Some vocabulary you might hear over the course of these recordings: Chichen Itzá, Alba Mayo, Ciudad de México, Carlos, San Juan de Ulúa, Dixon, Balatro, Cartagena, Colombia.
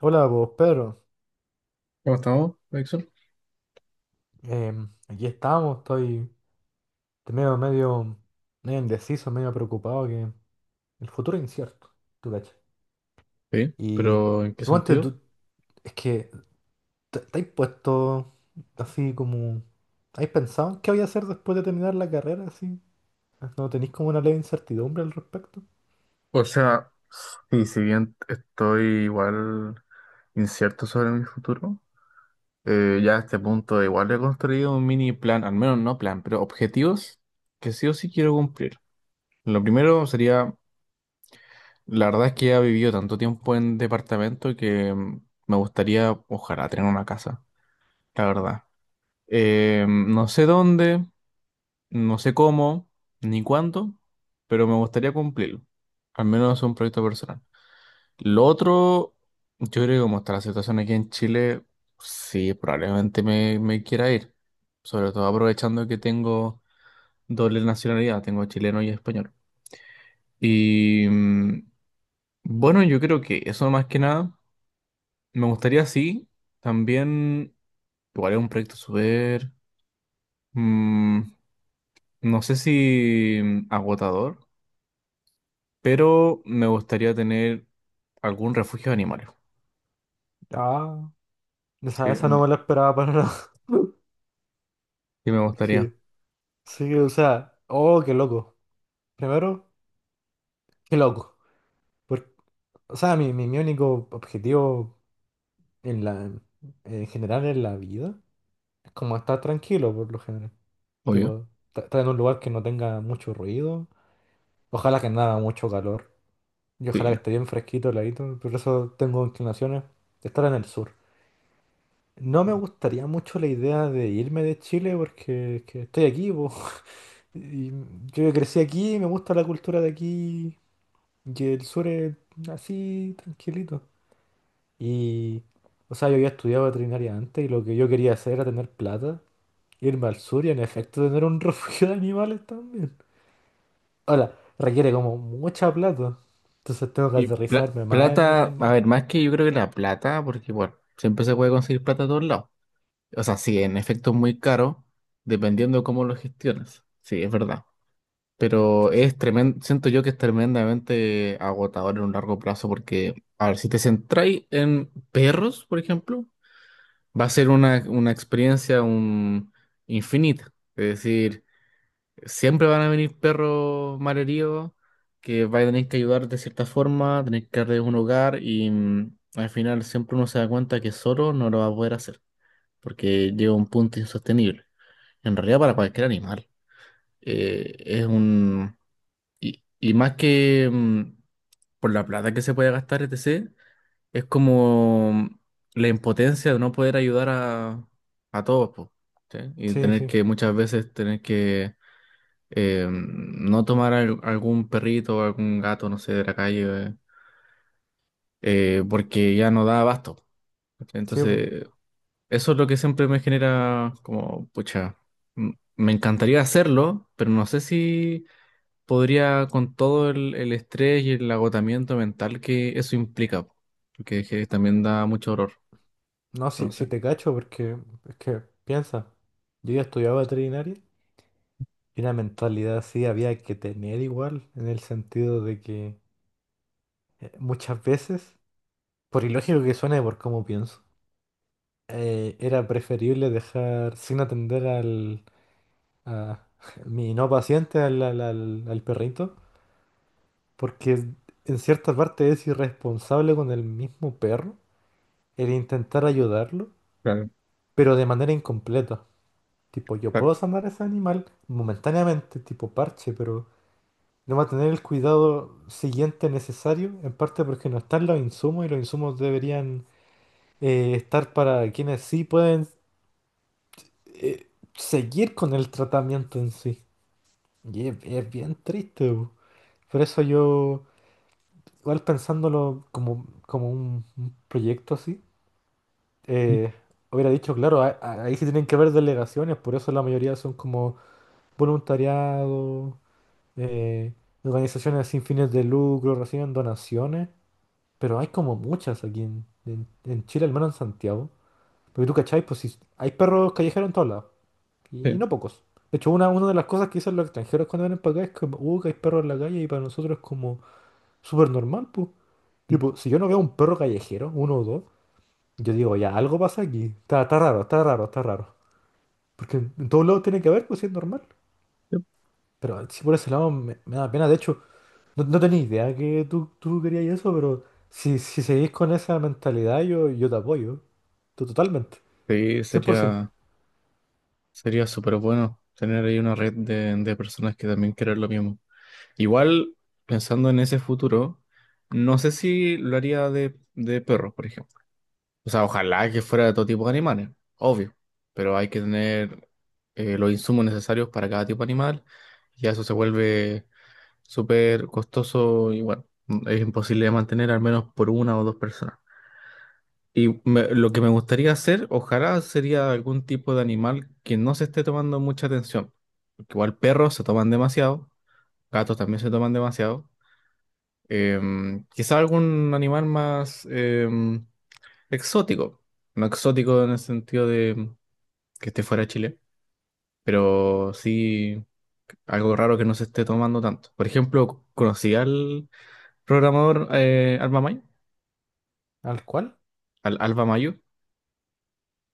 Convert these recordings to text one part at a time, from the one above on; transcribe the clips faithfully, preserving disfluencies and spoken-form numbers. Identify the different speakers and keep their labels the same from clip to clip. Speaker 1: Hola, pues Pedro.
Speaker 2: ¿Cómo estamos, Dixon?
Speaker 1: Em, aquí estamos, estoy medio, medio, medio indeciso, medio preocupado que el futuro es incierto, tú cachai.
Speaker 2: Sí,
Speaker 1: Y
Speaker 2: pero ¿en qué
Speaker 1: suponte
Speaker 2: sentido?
Speaker 1: tú, es que te, te has puesto así como, ¿has pensado en qué voy a hacer después de terminar la carrera? Así, ¿no tenéis como una leve incertidumbre al respecto?
Speaker 2: O sea, y si bien estoy igual incierto sobre mi futuro, eh, ya a este punto igual he construido un mini plan, al menos no plan, pero objetivos que sí o sí quiero cumplir. Lo primero sería, la verdad es que he vivido tanto tiempo en departamento que mm, me gustaría, ojalá, tener una casa, la verdad. Eh, no sé dónde, no sé cómo ni cuánto, pero me gustaría cumplirlo. Al menos es un proyecto personal. Lo otro, yo creo que como está la situación aquí en Chile, sí, probablemente me, me quiera ir. Sobre todo aprovechando que tengo doble nacionalidad, tengo chileno y español. Y mm, bueno, yo creo que eso más que nada, me gustaría sí, también, igual es un proyecto súper, mm, no sé si mm, agotador, pero me gustaría tener algún refugio de animales.
Speaker 1: Ah, esa,
Speaker 2: Sí,
Speaker 1: esa no
Speaker 2: no,
Speaker 1: me la esperaba para nada.
Speaker 2: sí me
Speaker 1: Es
Speaker 2: gustaría,
Speaker 1: que, sí, o sea, oh, qué loco. Primero, qué loco. Por- o sea, mi, mi, mi único objetivo En la, en general en la vida, es como estar tranquilo por lo general.
Speaker 2: obvio.
Speaker 1: Tipo, ta- estar en un lugar que no tenga mucho ruido. Ojalá que no haga mucho calor. Y ojalá que
Speaker 2: Sí.
Speaker 1: esté bien fresquito, heladito. Por eso tengo inclinaciones de estar en el sur. No me gustaría mucho la idea de irme de Chile porque es que estoy aquí, po. Y yo crecí aquí, me gusta la cultura de aquí. Y el sur es así, tranquilito. Y, o sea, yo había estudiado veterinaria antes y lo que yo quería hacer era tener plata. Irme al sur y en efecto tener un refugio de animales también. Ahora, requiere como mucha plata. Entonces tengo que
Speaker 2: Y pla-
Speaker 1: aterrizarme más en...
Speaker 2: plata, a
Speaker 1: en-
Speaker 2: ver, más que yo creo que la plata, porque bueno, siempre se puede conseguir plata a todos lados. O sea, sí, en efecto es muy caro, dependiendo de cómo lo gestiones. Sí, es verdad. Pero es tremendo, siento yo que es tremendamente agotador en un largo plazo, porque, a ver, si te centráis en perros, por ejemplo, va a ser una, una experiencia un, infinita. Es decir, siempre van a venir perros malheridos que va a tener que ayudar de cierta forma, tener que darles un hogar y mm, al final siempre uno se da cuenta que solo no lo va a poder hacer porque llega a un punto insostenible. En realidad para cualquier animal eh, es un... Y, y más que mm, por la plata que se puede gastar, etcétera, es como mm, la impotencia de no poder ayudar a, a todos, po, ¿sí? Y
Speaker 1: Sí,
Speaker 2: tener
Speaker 1: sí,
Speaker 2: que muchas veces tener que eh, no tomar al- algún perrito o algún gato, no sé, de la calle, eh, eh, porque ya no da abasto. ¿Cachai?
Speaker 1: sí, po.
Speaker 2: Entonces, eso es lo que siempre me genera como, pucha, m- me encantaría hacerlo, pero no sé si podría con todo el, el estrés y el agotamiento mental que eso implica, porque que también da mucho horror,
Speaker 1: No,
Speaker 2: no
Speaker 1: si, si
Speaker 2: sé.
Speaker 1: te cacho, porque es que piensa, yo ya estudiaba veterinaria y una mentalidad así había que tener igual, en el sentido de que eh, muchas veces, por ilógico que suene, por cómo pienso, eh, era preferible dejar sin atender al... a mi no paciente, al al- al- al perrito. Porque es- en cierta parte es irresponsable con el mismo perro el intentar ayudarlo,
Speaker 2: Claro,
Speaker 1: pero de manera incompleta. Tipo, yo puedo
Speaker 2: exacto.
Speaker 1: sanar a ese animal momentáneamente, tipo parche, pero no va a tener el cuidado siguiente necesario, en parte porque no están los insumos y los insumos deberían eh, estar para quienes sí pueden, eh, seguir con el tratamiento en sí. Y es, es bien triste, bu. Por eso yo, igual pensándolo como, como un un proyecto así. eh, hubiera dicho, claro, a- a- ahí sí tienen que haber delegaciones, por eso la mayoría son como voluntariado, eh, organizaciones sin fines de lucro, reciben donaciones, pero hay como muchas aquí en, en- en Chile, al menos en Santiago. Porque tú cachai, pues sí, hay perros callejeros en todos lados, y, y
Speaker 2: Sí,
Speaker 1: no pocos. De hecho, una, una de las cosas que dicen los extranjeros cuando vienen para acá es como, uh, que hay perros en la calle, y para nosotros es como súper normal, pues. Tipo, si yo no veo un perro callejero, uno o dos, yo digo, ya, algo pasa aquí. Está, está raro, está raro, está raro. Porque en en todos lados tiene que haber, pues si es normal. Pero sí, por ese lado me, me da pena. De hecho, no, no tenía idea que tú, tú querías eso, pero si, si seguís con esa mentalidad, yo, yo te apoyo. Tú Totalmente.
Speaker 2: sí,
Speaker 1: cien por ciento.
Speaker 2: sería, sería súper bueno tener ahí una red de, de personas que también quieran lo mismo. Igual, pensando en ese futuro, no sé si lo haría de, de perros, por ejemplo. O sea, ojalá que fuera de todo tipo de animales, obvio, pero hay que tener eh, los insumos necesarios para cada tipo de animal y eso se vuelve súper costoso y bueno, es imposible de mantener al menos por una o dos personas. Y me- lo que me gustaría hacer, ojalá, sería algún tipo de animal que no se esté tomando mucha atención. Porque igual perros se toman demasiado, gatos también se toman demasiado. Em, quizá algún animal más em, exótico. No exótico en el sentido de que esté fuera de Chile, pero sí algo raro que no se esté tomando tanto. Por ejemplo, conocí al programador eh, Alba Mayo.
Speaker 1: ¿Al cual?
Speaker 2: Al, Alba Mayo.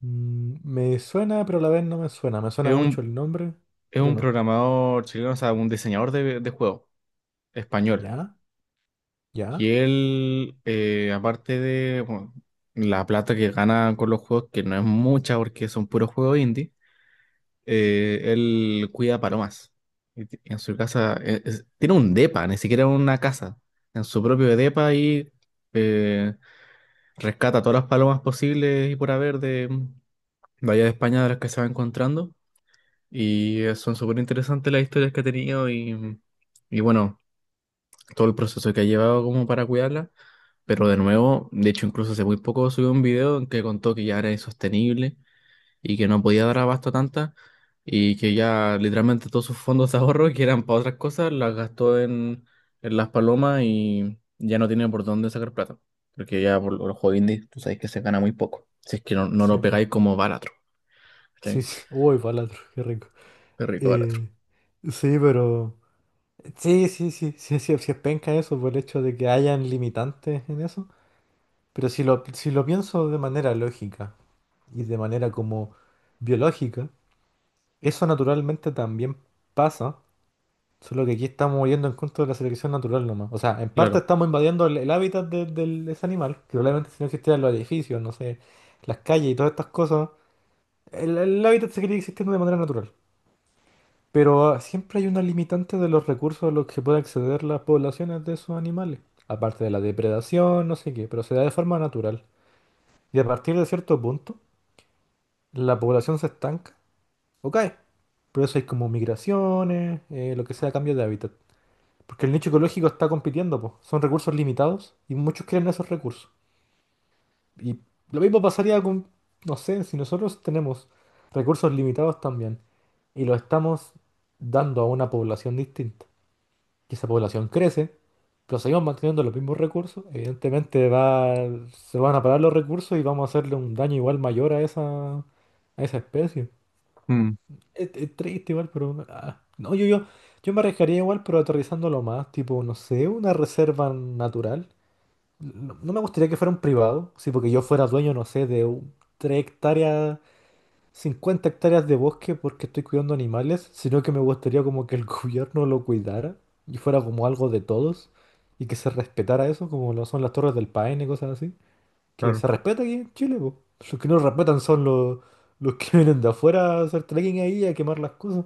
Speaker 1: Mm, me suena, pero a la vez no me suena. Me
Speaker 2: Es
Speaker 1: suena mucho
Speaker 2: un,
Speaker 1: el nombre,
Speaker 2: es
Speaker 1: pero
Speaker 2: un
Speaker 1: no.
Speaker 2: programador chileno, o sea, un diseñador de, de juegos español.
Speaker 1: ¿Ya? ¿Ya?
Speaker 2: Y él, eh, aparte de bueno, la plata que gana con los juegos, que no es mucha porque son puros juegos indie. eh, él cuida palomas. Y ti- en su casa, eh, es- tiene un depa, ni siquiera una casa. En su propio depa y eh, rescata todas las palomas posibles y por haber de, de allá de España de las que se va encontrando. Y eh, son súper interesantes las historias que ha tenido y, mm, y bueno, todo el proceso que ha llevado como para cuidarla. Pero de nuevo, de hecho incluso hace muy poco subió un video en que contó que ya era insostenible y que no podía dar abasto a tantas y que ya literalmente todos sus fondos de ahorro que eran para otras cosas las gastó en, en las palomas y ya no tiene por dónde sacar plata. Porque ya por los juegos indies tú sabes que se gana muy poco. Si es que no, no lo
Speaker 1: Sí, po.
Speaker 2: pegáis como Balatro.
Speaker 1: Sí,
Speaker 2: ¿Cachai?
Speaker 1: sí. Uy, Balatro, qué rico.
Speaker 2: Qué rico Balatro.
Speaker 1: Eh, sí, pero... Sí, sí, sí, sí, sí, sí es penca eso por el hecho de que hayan limitantes en eso. Pero si lo, si lo pienso de manera lógica y de manera como biológica, eso naturalmente también pasa, solo que aquí estamos yendo en contra de la selección natural nomás. O sea, en parte
Speaker 2: Claro,
Speaker 1: estamos invadiendo el, el hábitat de, del- de ese animal, que probablemente si no existieran los edificios, no sé, las calles y todas estas cosas, el, el hábitat seguiría existiendo de manera natural. Pero ah, siempre hay una limitante de los recursos a los que pueden acceder las poblaciones de esos animales. Aparte de la depredación, no sé qué, pero se da de forma natural. Y a partir de cierto punto, la población se estanca o cae. Por eso hay como migraciones, eh, lo que sea, cambio de hábitat. Porque el nicho ecológico está compitiendo, po. Son recursos limitados y muchos quieren esos recursos. Y lo mismo pasaría con, no sé, si nosotros tenemos recursos limitados también y los estamos dando a una población distinta, que esa población crece, pero seguimos manteniendo los mismos recursos, evidentemente va, se van a parar los recursos y vamos a hacerle un daño igual mayor a esa, a esa especie.
Speaker 2: mm,
Speaker 1: Es, es triste igual, pero... ah, no, yo, yo, yo me arriesgaría igual, pero aterrizándolo más, tipo, no sé, una reserva natural. No, no me gustaría que fuera un privado, sí, porque yo fuera dueño, no sé, de un- tres hectáreas cincuenta hectáreas de bosque porque estoy cuidando animales, sino que me gustaría como que el gobierno lo cuidara y fuera como algo de todos y que se respetara eso, como lo son las Torres del Paine y cosas así. Que
Speaker 2: claro,
Speaker 1: se respeta aquí en Chile, po. Los que no lo respetan son los, los que vienen de afuera a hacer trekking ahí y a quemar las cosas.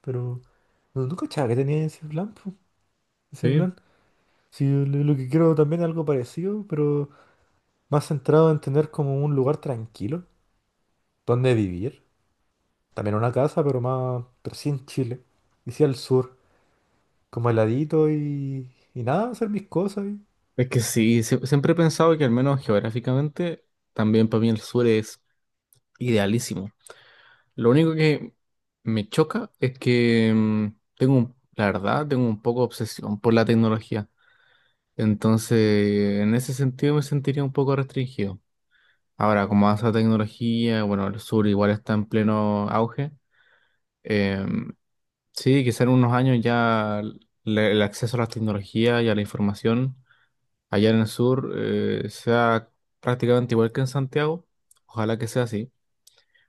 Speaker 1: Pero no, no cachaba que tenía ese plan, po. Ese
Speaker 2: sí.
Speaker 1: plan. Sí, yo lo lo que quiero también es algo parecido, pero más centrado en tener como un lugar tranquilo donde vivir. También una casa, pero más, pero sí en Chile. Y sí al sur, como heladito y, y nada, hacer mis cosas. y-
Speaker 2: Es que sí, sie- siempre he pensado que al menos geográficamente, también para mí el sur es idealísimo. Lo único que me choca es que mm, tengo, un- la verdad, tengo un poco de obsesión por la tecnología. Entonces, en ese sentido me sentiría un poco restringido. Ahora, como avanza la tecnología, bueno, el sur igual está en pleno auge. eh, sí, quizá en unos años ya le- el acceso a las tecnologías y a la información allá en el sur eh, sea prácticamente igual que en Santiago. Ojalá que sea así.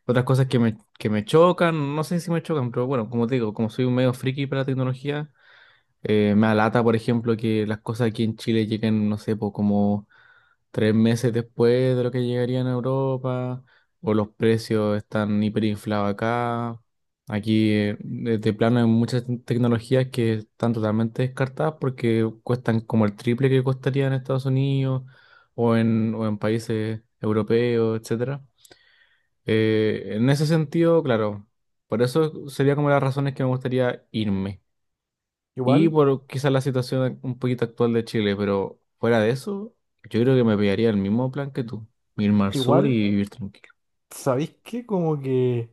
Speaker 2: Otras cosas que me, que me chocan, no sé si me chocan, pero bueno, como te digo, como soy un medio friki para la tecnología, eh, me alata, por ejemplo, que las cosas aquí en Chile lleguen, no sé, po, como tres meses después de lo que llegaría en Europa, o los precios están hiperinflados acá. Aquí, eh, de de plano, hay muchas te- tecnologías que están totalmente descartadas porque cuestan como el triple que costaría en Estados Unidos o en, o en países europeos, etcétera. Eh, en ese sentido, claro, por eso sería como las razones que me gustaría irme. Y
Speaker 1: Igual,
Speaker 2: por quizás la situación un poquito actual de Chile, pero fuera de eso, yo creo que me pegaría el mismo plan que tú, irme al sur y
Speaker 1: igual,
Speaker 2: vivir tranquilo.
Speaker 1: ¿sabéis qué? Como que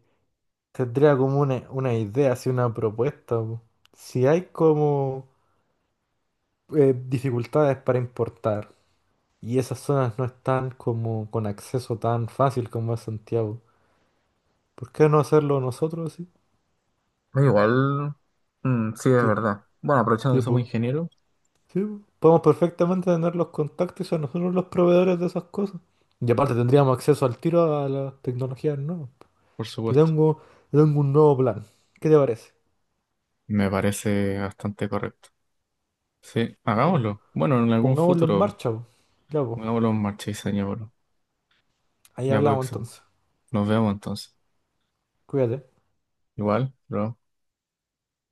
Speaker 1: tendría como una, una idea, así una propuesta, po. Si hay como eh, dificultades para importar y esas zonas no están como con acceso tan fácil como es Santiago, ¿por qué no hacerlo nosotros así?
Speaker 2: Igual, mm, sí, es
Speaker 1: Ti-
Speaker 2: verdad. Bueno, aprovechando que somos
Speaker 1: Tipo,
Speaker 2: ingenieros,
Speaker 1: sí, po, podemos perfectamente tener los contactos y ser nosotros los proveedores de esas cosas. Y aparte tendríamos acceso al tiro a las tecnologías nuevas.
Speaker 2: por
Speaker 1: Te
Speaker 2: supuesto.
Speaker 1: tengo, te tengo un nuevo plan. ¿Qué te parece?
Speaker 2: Me parece bastante correcto. Sí,
Speaker 1: Ya, po.
Speaker 2: hagámoslo. Bueno, en algún
Speaker 1: Pongámoslo en
Speaker 2: futuro,
Speaker 1: marcha, po. Ya, po.
Speaker 2: hagámoslo en marcha y señor.
Speaker 1: Ahí
Speaker 2: Ya puede
Speaker 1: hablamos
Speaker 2: ser.
Speaker 1: entonces.
Speaker 2: Nos vemos entonces.
Speaker 1: Cuídate.
Speaker 2: Igual, bro.